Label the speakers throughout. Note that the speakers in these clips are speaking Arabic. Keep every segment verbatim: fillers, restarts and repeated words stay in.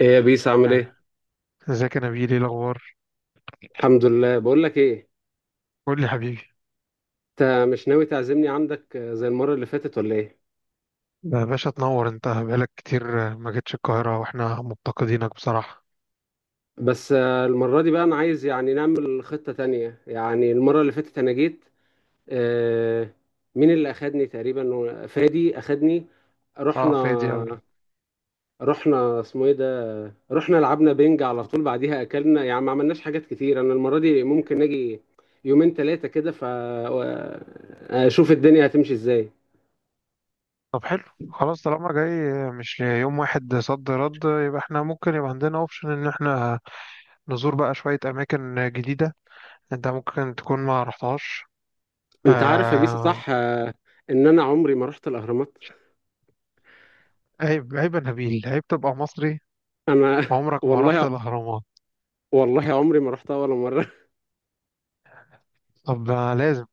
Speaker 1: ايه يا بيس عامل
Speaker 2: آه،
Speaker 1: ايه؟
Speaker 2: ازيك يا نبيل؟ ايه الاخبار؟
Speaker 1: الحمد لله، بقول لك ايه.
Speaker 2: قول لي حبيبي.
Speaker 1: انت مش ناوي تعزمني عندك آه، زي المرة اللي فاتت ولا ايه؟
Speaker 2: يا باشا تنور. انت بقالك كتير آه، ما جيتش القاهره واحنا مفتقدينك بصراحه.
Speaker 1: بس آه، المرة دي بقى انا عايز يعني نعمل خطة تانية. يعني المرة اللي فاتت انا جيت، آه، مين اللي اخدني؟ تقريبا فادي اخدني.
Speaker 2: اه
Speaker 1: رحنا
Speaker 2: فادي اوي.
Speaker 1: رحنا اسمه ايه ده؟ رحنا لعبنا بينج على طول، بعديها اكلنا، يعني ما عملناش حاجات كتير. انا المرة دي ممكن اجي يومين ثلاثة كده فاشوف الدنيا هتمشي ازاي.
Speaker 2: طب حلو. خلاص طالما جاي آه، مش يوم واحد صد رد آه، يبقى احنا ممكن يبقى عندنا اوبشن ان احنا نزور بقى شويه اماكن آه، جديده. انت ممكن تكون ما رحتهاش.
Speaker 1: انت عارف يا بيسا،
Speaker 2: آه.
Speaker 1: صح آه، ان انا عمري ما رحت الاهرامات.
Speaker 2: عيب عيب يا نبيل، عيب تبقى مصري
Speaker 1: انا
Speaker 2: عمرك ما رحت
Speaker 1: والله،
Speaker 2: الاهرامات.
Speaker 1: والله عمري ما رحتها ولا مره.
Speaker 2: طب آه، لازم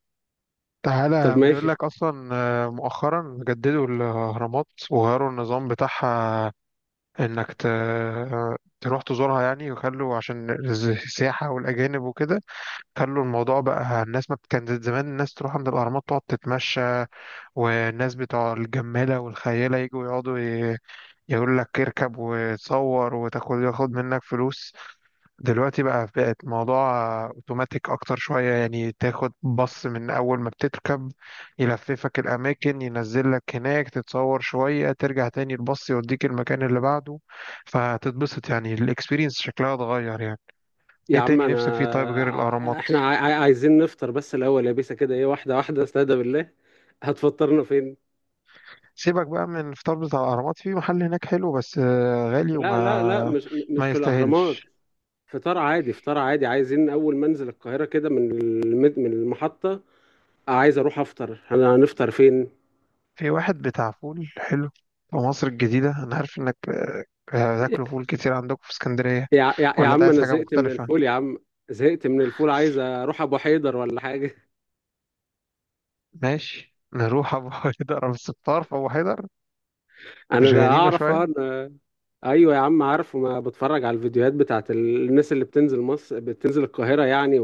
Speaker 1: طب
Speaker 2: تعالى. بيقول
Speaker 1: ماشي.
Speaker 2: لك اصلا آه، مؤخرا جددوا الاهرامات وغيروا النظام بتاعها. انك ت... آه، تروح تزورها يعني، وخلوا عشان الز- السياحة والأجانب وكده. خلوا الموضوع بقى، الناس ما بت- كانت زمان الناس تروح عند الأهرامات تقعد تتمشى. والناس بتوع الجمالة والخيالة يجوا يقعدوا ي... يقول لك اركب وتصور وتاخد ياخد منك فلوس. دلوقتي بقى بقت الموضوع اوتوماتيك اكتر شوية. يعني تاخد بص من اول ما بتركب يلففك الاماكن، ينزل لك هناك تتصور شوية ترجع تاني البص يوديك المكان اللي بعده. فهتتبسط يعني، الاكسبيرينس شكلها اتغير يعني.
Speaker 1: يا
Speaker 2: ايه
Speaker 1: عم
Speaker 2: تاني نفسك فيه طيب
Speaker 1: انا
Speaker 2: غير الاهرامات؟
Speaker 1: ع- احنا عا- عا- عايزين نفطر بس الاول يا بيسا، كده ايه، واحده واحده استهدى بالله. هتفطرنا فين؟
Speaker 2: سيبك بقى من الفطار بتاع الاهرامات. في محل هناك حلو بس آه، غالي
Speaker 1: لا لا لا،
Speaker 2: وما
Speaker 1: مش م- مش
Speaker 2: ما
Speaker 1: في الاهرامات.
Speaker 2: يستاهلش.
Speaker 1: فطار عادي، فطار عادي. عايزين اول ما انزل القاهره كده من المد... من المحطه عايز اروح افطر. انا هنفطر فين؟
Speaker 2: في واحد بتاع فول حلو في مصر الجديدة. أنا عارف إنك آه، بتاكلوا فول كتير عندكم في اسكندرية.
Speaker 1: يا... يا... يا
Speaker 2: ولا أنت
Speaker 1: عم
Speaker 2: عايز
Speaker 1: انا
Speaker 2: حاجة
Speaker 1: زهقت من
Speaker 2: مختلفة؟
Speaker 1: الفول يا عم. زهقت من الفول، عايز اروح ابو حيدر ولا حاجه.
Speaker 2: ماشي، نروح أبو حيدر. أو الستار في أبو حيدر؟
Speaker 1: انا
Speaker 2: مش
Speaker 1: لا
Speaker 2: غريبة
Speaker 1: اعرف
Speaker 2: شوية؟
Speaker 1: أنا... ايوه يا عم، عارفه ما بتفرج على الفيديوهات بتاعت ال- الناس اللي بتنزل مصر، بتنزل القاهره يعني،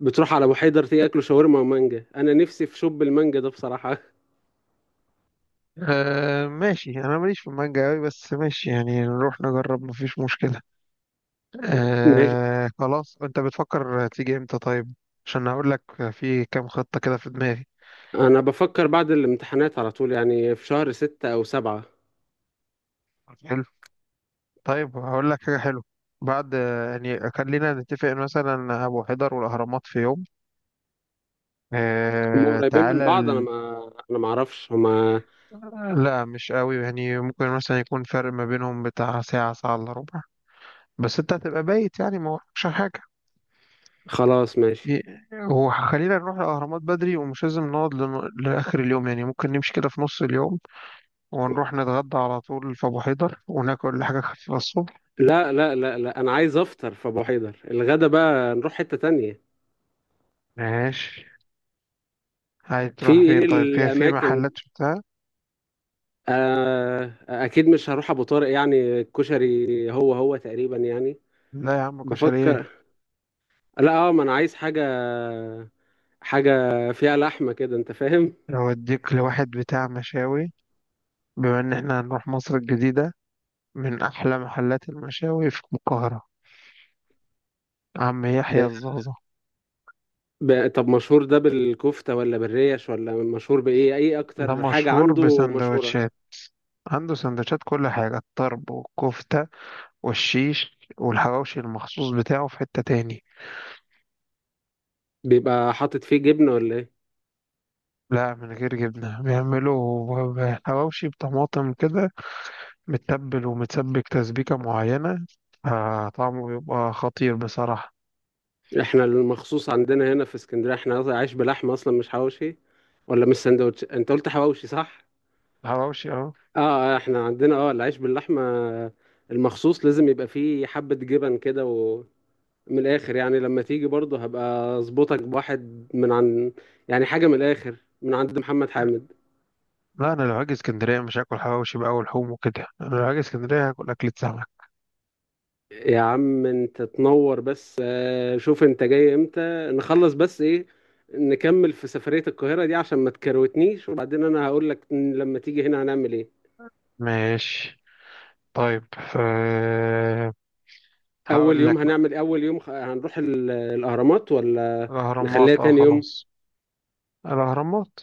Speaker 1: وبتروح على ابو حيدر، تاكلوا شاورما ومانجا. انا نفسي في شوب المانجا ده بصراحه.
Speaker 2: أه ماشي. أنا ماليش في المانجا أوي، بس ماشي يعني نروح نجرب مفيش مشكلة.
Speaker 1: ماشي،
Speaker 2: أه خلاص. أنت بتفكر تيجي إمتى طيب؟ عشان هقول لك. في كام خطة كده في دماغي.
Speaker 1: انا بفكر بعد الامتحانات على طول، يعني في شهر ستة او سبعة.
Speaker 2: حلو. طيب هقول لك حاجة حلوة. بعد يعني خلينا نتفق مثلا أبو حيدر والأهرامات في يوم.
Speaker 1: هما
Speaker 2: آه
Speaker 1: قريبين
Speaker 2: تعالى
Speaker 1: من بعض؟ انا
Speaker 2: ال...
Speaker 1: ما انا ما اعرفش هما.
Speaker 2: لا، مش قوي، يعني ممكن مثلا يكون فرق ما بينهم بتاع ساعة ساعة إلا ربع. بس أنت هتبقى بايت يعني ما وراكش حاجة.
Speaker 1: خلاص ماشي.
Speaker 2: ي- هو خلينا نروح الأهرامات بدري، ومش لازم نقعد لن... لآخر اليوم. يعني ممكن نمشي كده في نص اليوم، ونروح نتغدى على طول في أبو حيدر، وناكل حاجة خفيفة الصبح.
Speaker 1: لا لا لا لا، انا عايز افطر في ابو حيدر. الغدا بقى نروح حته تانية.
Speaker 2: ماشي. عايز
Speaker 1: في
Speaker 2: تروح
Speaker 1: ايه
Speaker 2: فين طيب؟ في في محلات
Speaker 1: الاماكن؟
Speaker 2: بتاع.
Speaker 1: آه، اكيد مش هروح ابو طارق يعني، الكشري هو هو تقريبا يعني.
Speaker 2: لا يا عم، كشري إيه.
Speaker 1: بفكر، لا اه، ما انا عايز حاجه حاجه فيها لحمه كده، انت فاهم.
Speaker 2: أوديك لواحد بتاع مشاوي، بما إن إحنا هنروح مصر الجديدة، من أحلى محلات المشاوي في القاهرة، عم
Speaker 1: ب...
Speaker 2: يحيى الزازة.
Speaker 1: ب... طب مشهور ده بالكفته ولا بالريش، ولا مشهور بايه؟ اي
Speaker 2: ده
Speaker 1: اكتر حاجه
Speaker 2: مشهور
Speaker 1: عنده مشهوره؟
Speaker 2: بسندوتشات. عنده سندوتشات كل حاجة، الطرب والكفتة والشيش. والحواوشي المخصوص بتاعه في حتة تاني.
Speaker 1: بيبقى حاطط فيه جبنه ولا ايه؟
Speaker 2: لا من غير جبنة، بيعملوا ب- حواوشي بطماطم كده متبل ومتسبك تسبيكة معينة. آه، طعمه بيبقى خطير بصراحة.
Speaker 1: احنا المخصوص عندنا هنا في اسكندريه، احنا عايش بلحمه اصلا مش حواوشي، ولا مش سندوتش، انت قلت حواوشي صح.
Speaker 2: الحواوشي اه.
Speaker 1: اه، احنا عندنا اه العيش باللحمة المخصوص، لازم يبقى فيه حبة جبن كده، ومن الآخر يعني. لما تيجي برضه هبقى أظبطك بواحد من عن، يعني حاجة من الآخر، من عند محمد حامد.
Speaker 2: لا أنا لو هاجي اسكندرية مش هاكل حواوشي بقى ولحوم وكده. أنا لو هاجي اسكندرية هاكل أكلة سمك.
Speaker 1: يا عم انت تنور، بس آه، شوف انت جاي امتى؟ نخلص بس ايه، نكمل في سفرية القاهرة دي عشان ما تكروتنيش، وبعدين انا هقول لك لما تيجي هنا هنعمل ايه.
Speaker 2: ماشي. طيب ف...
Speaker 1: اول
Speaker 2: هقول
Speaker 1: يوم
Speaker 2: لك بقى.
Speaker 1: هنعمل، اول يوم خ- هنروح ال- الأهرامات ولا نخليها
Speaker 2: الأهرامات اه،
Speaker 1: تاني يوم؟
Speaker 2: خلاص الأهرامات.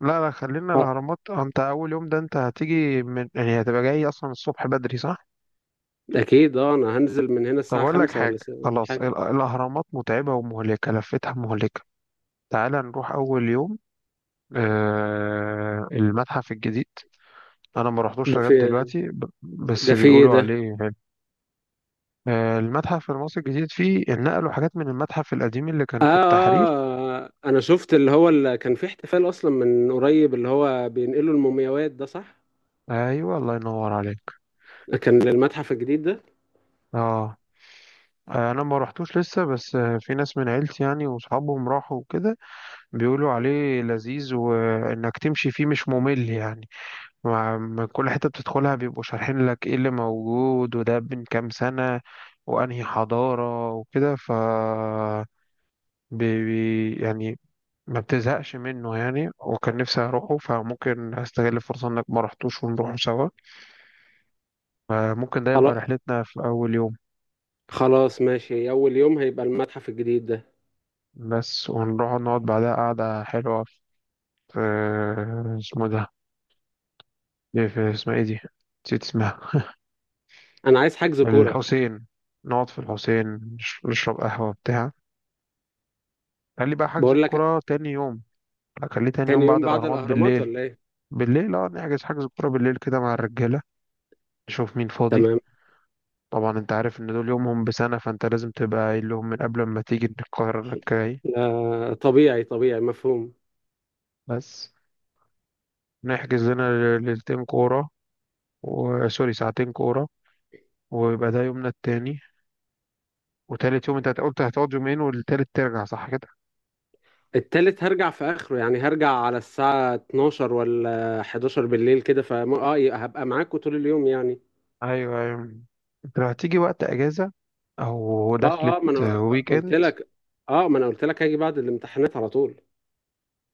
Speaker 2: لا لا، خلينا
Speaker 1: آه.
Speaker 2: الأهرامات. آه، انت أول يوم ده انت هتيجي من، يعني هتبقى جاي أصلا الصبح بدري صح؟
Speaker 1: اكيد اه، انا هنزل من هنا
Speaker 2: طب
Speaker 1: الساعة
Speaker 2: أقول لك
Speaker 1: خمسة
Speaker 2: حاجة.
Speaker 1: ولا س-
Speaker 2: خلاص
Speaker 1: حاجة.
Speaker 2: ال- الأهرامات متعبة ومهلكة، لفتها مهلكة. تعال نروح أول يوم آه... المتحف الجديد. أنا ما رحتوش
Speaker 1: ده
Speaker 2: لغاية
Speaker 1: في،
Speaker 2: دلوقتي ب... بس
Speaker 1: ده في ايه
Speaker 2: بيقولوا
Speaker 1: ده؟
Speaker 2: عليه حلو. آه، المتحف المصري الجديد، فيه نقلوا حاجات من المتحف القديم اللي كان
Speaker 1: آه،
Speaker 2: في التحرير.
Speaker 1: اه انا شفت اللي هو اللي كان في احتفال اصلا من قريب، اللي هو بينقلوا المومياوات ده، صح؟
Speaker 2: ايوه، الله ينور عليك.
Speaker 1: كان للمتحف الجديد ده.
Speaker 2: اه انا ما رحتوش لسه، بس آه، في ناس من عيلتي يعني واصحابهم راحوا وكده. بيقولوا عليه لذيذ، وانك تمشي فيه مش ممل يعني. مع مع كل حتة بتدخلها بيبقوا شارحين لك ايه اللي موجود، وده من كام سنة وانهي حضارة وكده. ف بي بي- يعني ما بتزهقش منه يعني. وكان نفسي اروحه، فممكن استغل الفرصة انك ما رحتوش ونروحه سوا. آه، ممكن ده يبقى
Speaker 1: خلا-
Speaker 2: رحلتنا في اول يوم.
Speaker 1: خلاص ماشي، اول يوم هيبقى المتحف الجديد ده.
Speaker 2: بس ونروح نقعد بعدها قعدة حلوة في، اسمه ده إيه؟ في اسمها ايه دي؟ نسيت اسمها.
Speaker 1: انا عايز حجز كورة.
Speaker 2: الحسين، نقعد في الحسين. نش- نشرب قهوة بتاع. قال لي بقى حجز
Speaker 1: بقول لك،
Speaker 2: الكرة تاني يوم. قال لي تاني
Speaker 1: تاني
Speaker 2: يوم بعد
Speaker 1: يوم بعد
Speaker 2: الأهرامات
Speaker 1: الاهرامات
Speaker 2: بالليل.
Speaker 1: ولا ايه؟
Speaker 2: بالليل اه، نحجز حجز الكرة بالليل كده مع الرجالة. نشوف مين فاضي.
Speaker 1: تمام.
Speaker 2: طبعا انت عارف ان دول يومهم بسنة، فانت لازم تبقى قايل لهم من قبل ما تيجي ان القاهرة انك جاي.
Speaker 1: لا طبيعي، طبيعي مفهوم.
Speaker 2: بس نحجز لنا ليلتين كورة و- سوري ساعتين كورة، ويبقى ده يومنا التاني. وتالت يوم انت قلت هتقعد يومين، والتالت ترجع صح كده؟
Speaker 1: التالت هرجع في اخره يعني، هرجع على الساعة اتناشر ولا حداشر بالليل كده، فم... اه ي- هبقى معاكوا طول اليوم يعني.
Speaker 2: ايوه ايوه. انت لو هتيجي وقت اجازه، او
Speaker 1: اه
Speaker 2: دخلت
Speaker 1: اه، ما انا
Speaker 2: ويك
Speaker 1: قلت
Speaker 2: اند.
Speaker 1: لك اه ما انا قلت لك هاجي بعد الامتحانات على طول.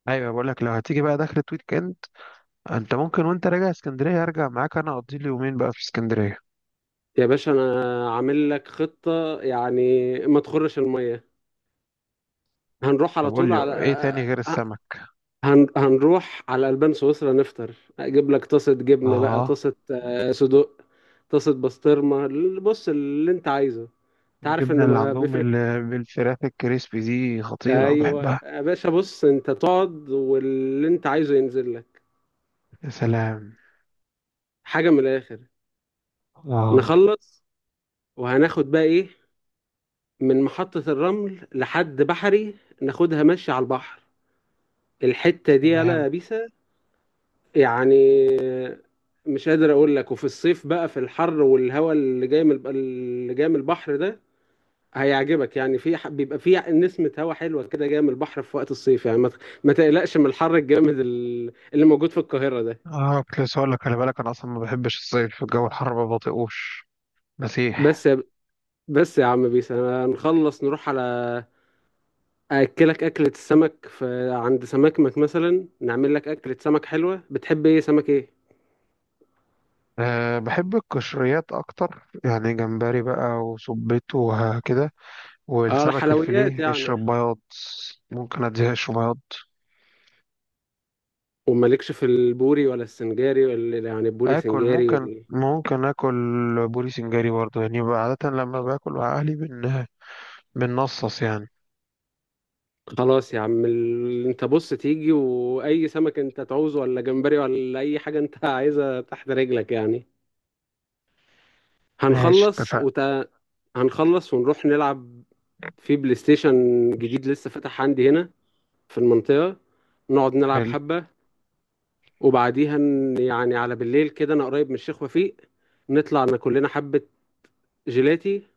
Speaker 2: ايوه بقول لك، لو هتيجي بقى دخلت ويك اند، انت ممكن وانت راجع اسكندريه ارجع معاك، انا اقضي لي يومين بقى في اسكندريه.
Speaker 1: يا باشا انا عامل لك خطة يعني، ما تخرش المية. هنروح
Speaker 2: طب
Speaker 1: على
Speaker 2: قول
Speaker 1: طول
Speaker 2: لي
Speaker 1: على
Speaker 2: ايه تاني غير
Speaker 1: آه، آه،
Speaker 2: السمك.
Speaker 1: هن... هنروح على البان سويسرا نفطر، اجيب لك طاسة جبنة بقى،
Speaker 2: اه،
Speaker 1: طاسة آه، صدوق، طاسة بسطرمة. بص اللي انت عايزه، انت عارف ان
Speaker 2: الجبنه اللي
Speaker 1: ما
Speaker 2: عندهم
Speaker 1: بيفرق.
Speaker 2: ال- بالفراخ الكريسبي دي خطيره
Speaker 1: ايوه
Speaker 2: بحبها.
Speaker 1: يا باشا، بص انت تقعد واللي انت عايزه ينزل لك،
Speaker 2: يا سلام.
Speaker 1: حاجه من الاخر.
Speaker 2: اه
Speaker 1: نخلص وهناخد بقى ايه؟ من محطه الرمل لحد بحري، ناخدها ماشي على البحر الحته دي، يالا
Speaker 2: تمام.
Speaker 1: يا بيسا. يعني مش قادر اقول لك، وفي الصيف بقى في الحر والهواء اللي جاي من، اللي جاي من البحر ده هيعجبك يعني. في ح- بيبقى في نسمة هواء حلوة كده جاية من البحر في وقت الصيف يعني، ما ت- ما تقلقش من الحر الجامد ال- اللي موجود في القاهرة ده.
Speaker 2: اه كنت لسه هقول لك خلي بالك، انا اصلا ما بحبش الصيف، الجو الحر ما بطيقوش.
Speaker 1: بس،
Speaker 2: مسيح.
Speaker 1: بس يا عم بيس، انا نخلص نروح على اكلك اكلة السمك في عند سمكمك مثلا، نعمل لك اكلة سمك حلوة. بتحب ايه، سمك ايه؟
Speaker 2: أه بحب القشريات أكتر، يعني جمبري بقى وسبيط وكده.
Speaker 1: اه
Speaker 2: والسمك
Speaker 1: الحلويات
Speaker 2: الفيليه
Speaker 1: يعني،
Speaker 2: اشرب بياض. ممكن أديهاش في بياض.
Speaker 1: ومالكش في البوري ولا السنجاري، ولا يعني البوري
Speaker 2: آكل،
Speaker 1: سنجاري ولا
Speaker 2: ممكن
Speaker 1: إيه؟
Speaker 2: ممكن آكل بوري سنجاري برضه، يعني بقى عادة لما باكل مع أهلي بن بنصص يعني.
Speaker 1: خلاص يا عم ال... انت بص تيجي، واي سمك انت تعوزه، ولا جمبري، ولا اي حاجة انت عايزها تحت رجلك يعني.
Speaker 2: ماشي
Speaker 1: هنخلص
Speaker 2: اتفقنا.
Speaker 1: وت... هنخلص ونروح نلعب في بلاي ستيشن جديد لسه فتح عندي هنا في المنطقة، نقعد نلعب
Speaker 2: حلو.
Speaker 1: حبة. وبعديها ن- يعني على بالليل كده، أنا قريب من الشيخ وفيق، نطلع ناكل لنا حبة جيلاتي،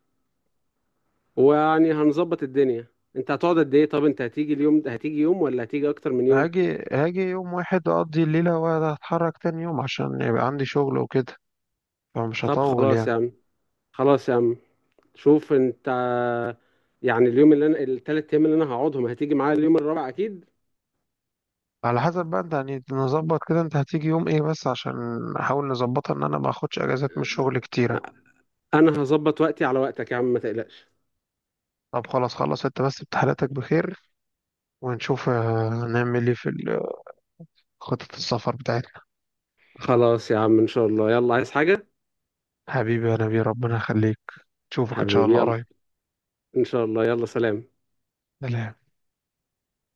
Speaker 1: ويعني هنظبط الدنيا. أنت هتقعد قد إيه؟ طب أنت هتيجي اليوم ده هتيجي يوم ولا هتيجي أكتر من يوم؟
Speaker 2: هاجي هاجي يوم واحد، أقضي الليلة وأتحرك تاني يوم عشان يبقى عندي شغل وكده، فمش
Speaker 1: طب
Speaker 2: هطول
Speaker 1: خلاص
Speaker 2: يعني.
Speaker 1: يا عم، خلاص يا عم، شوف أنت. يعني اليوم اللي أنا، التلات أيام اللي أنا هقعدهم، هتيجي معايا اليوم الرابع أكيد.
Speaker 2: على حسب بقى انت يعني. نظبط كده انت هتيجي يوم ايه، بس عشان نحاول نظبطها ان انا ما اخدش اجازات من الشغل كتيرة.
Speaker 1: أنا هظبط وقتي على وقتك يا عم، ما تقلقش.
Speaker 2: طب خلاص، خلص انت بس امتحاناتك بخير، ونشوف آه، هنعمل ايه في ال- خطة السفر بتاعتنا.
Speaker 1: خلاص يا عم، إن شاء الله، يلا عايز حاجة؟
Speaker 2: حبيبي يا نبي، ربنا يخليك. نشوفك ان شاء
Speaker 1: حبيبي،
Speaker 2: الله
Speaker 1: يلا
Speaker 2: قريب.
Speaker 1: إن شاء الله، يلا سلام.
Speaker 2: سلام.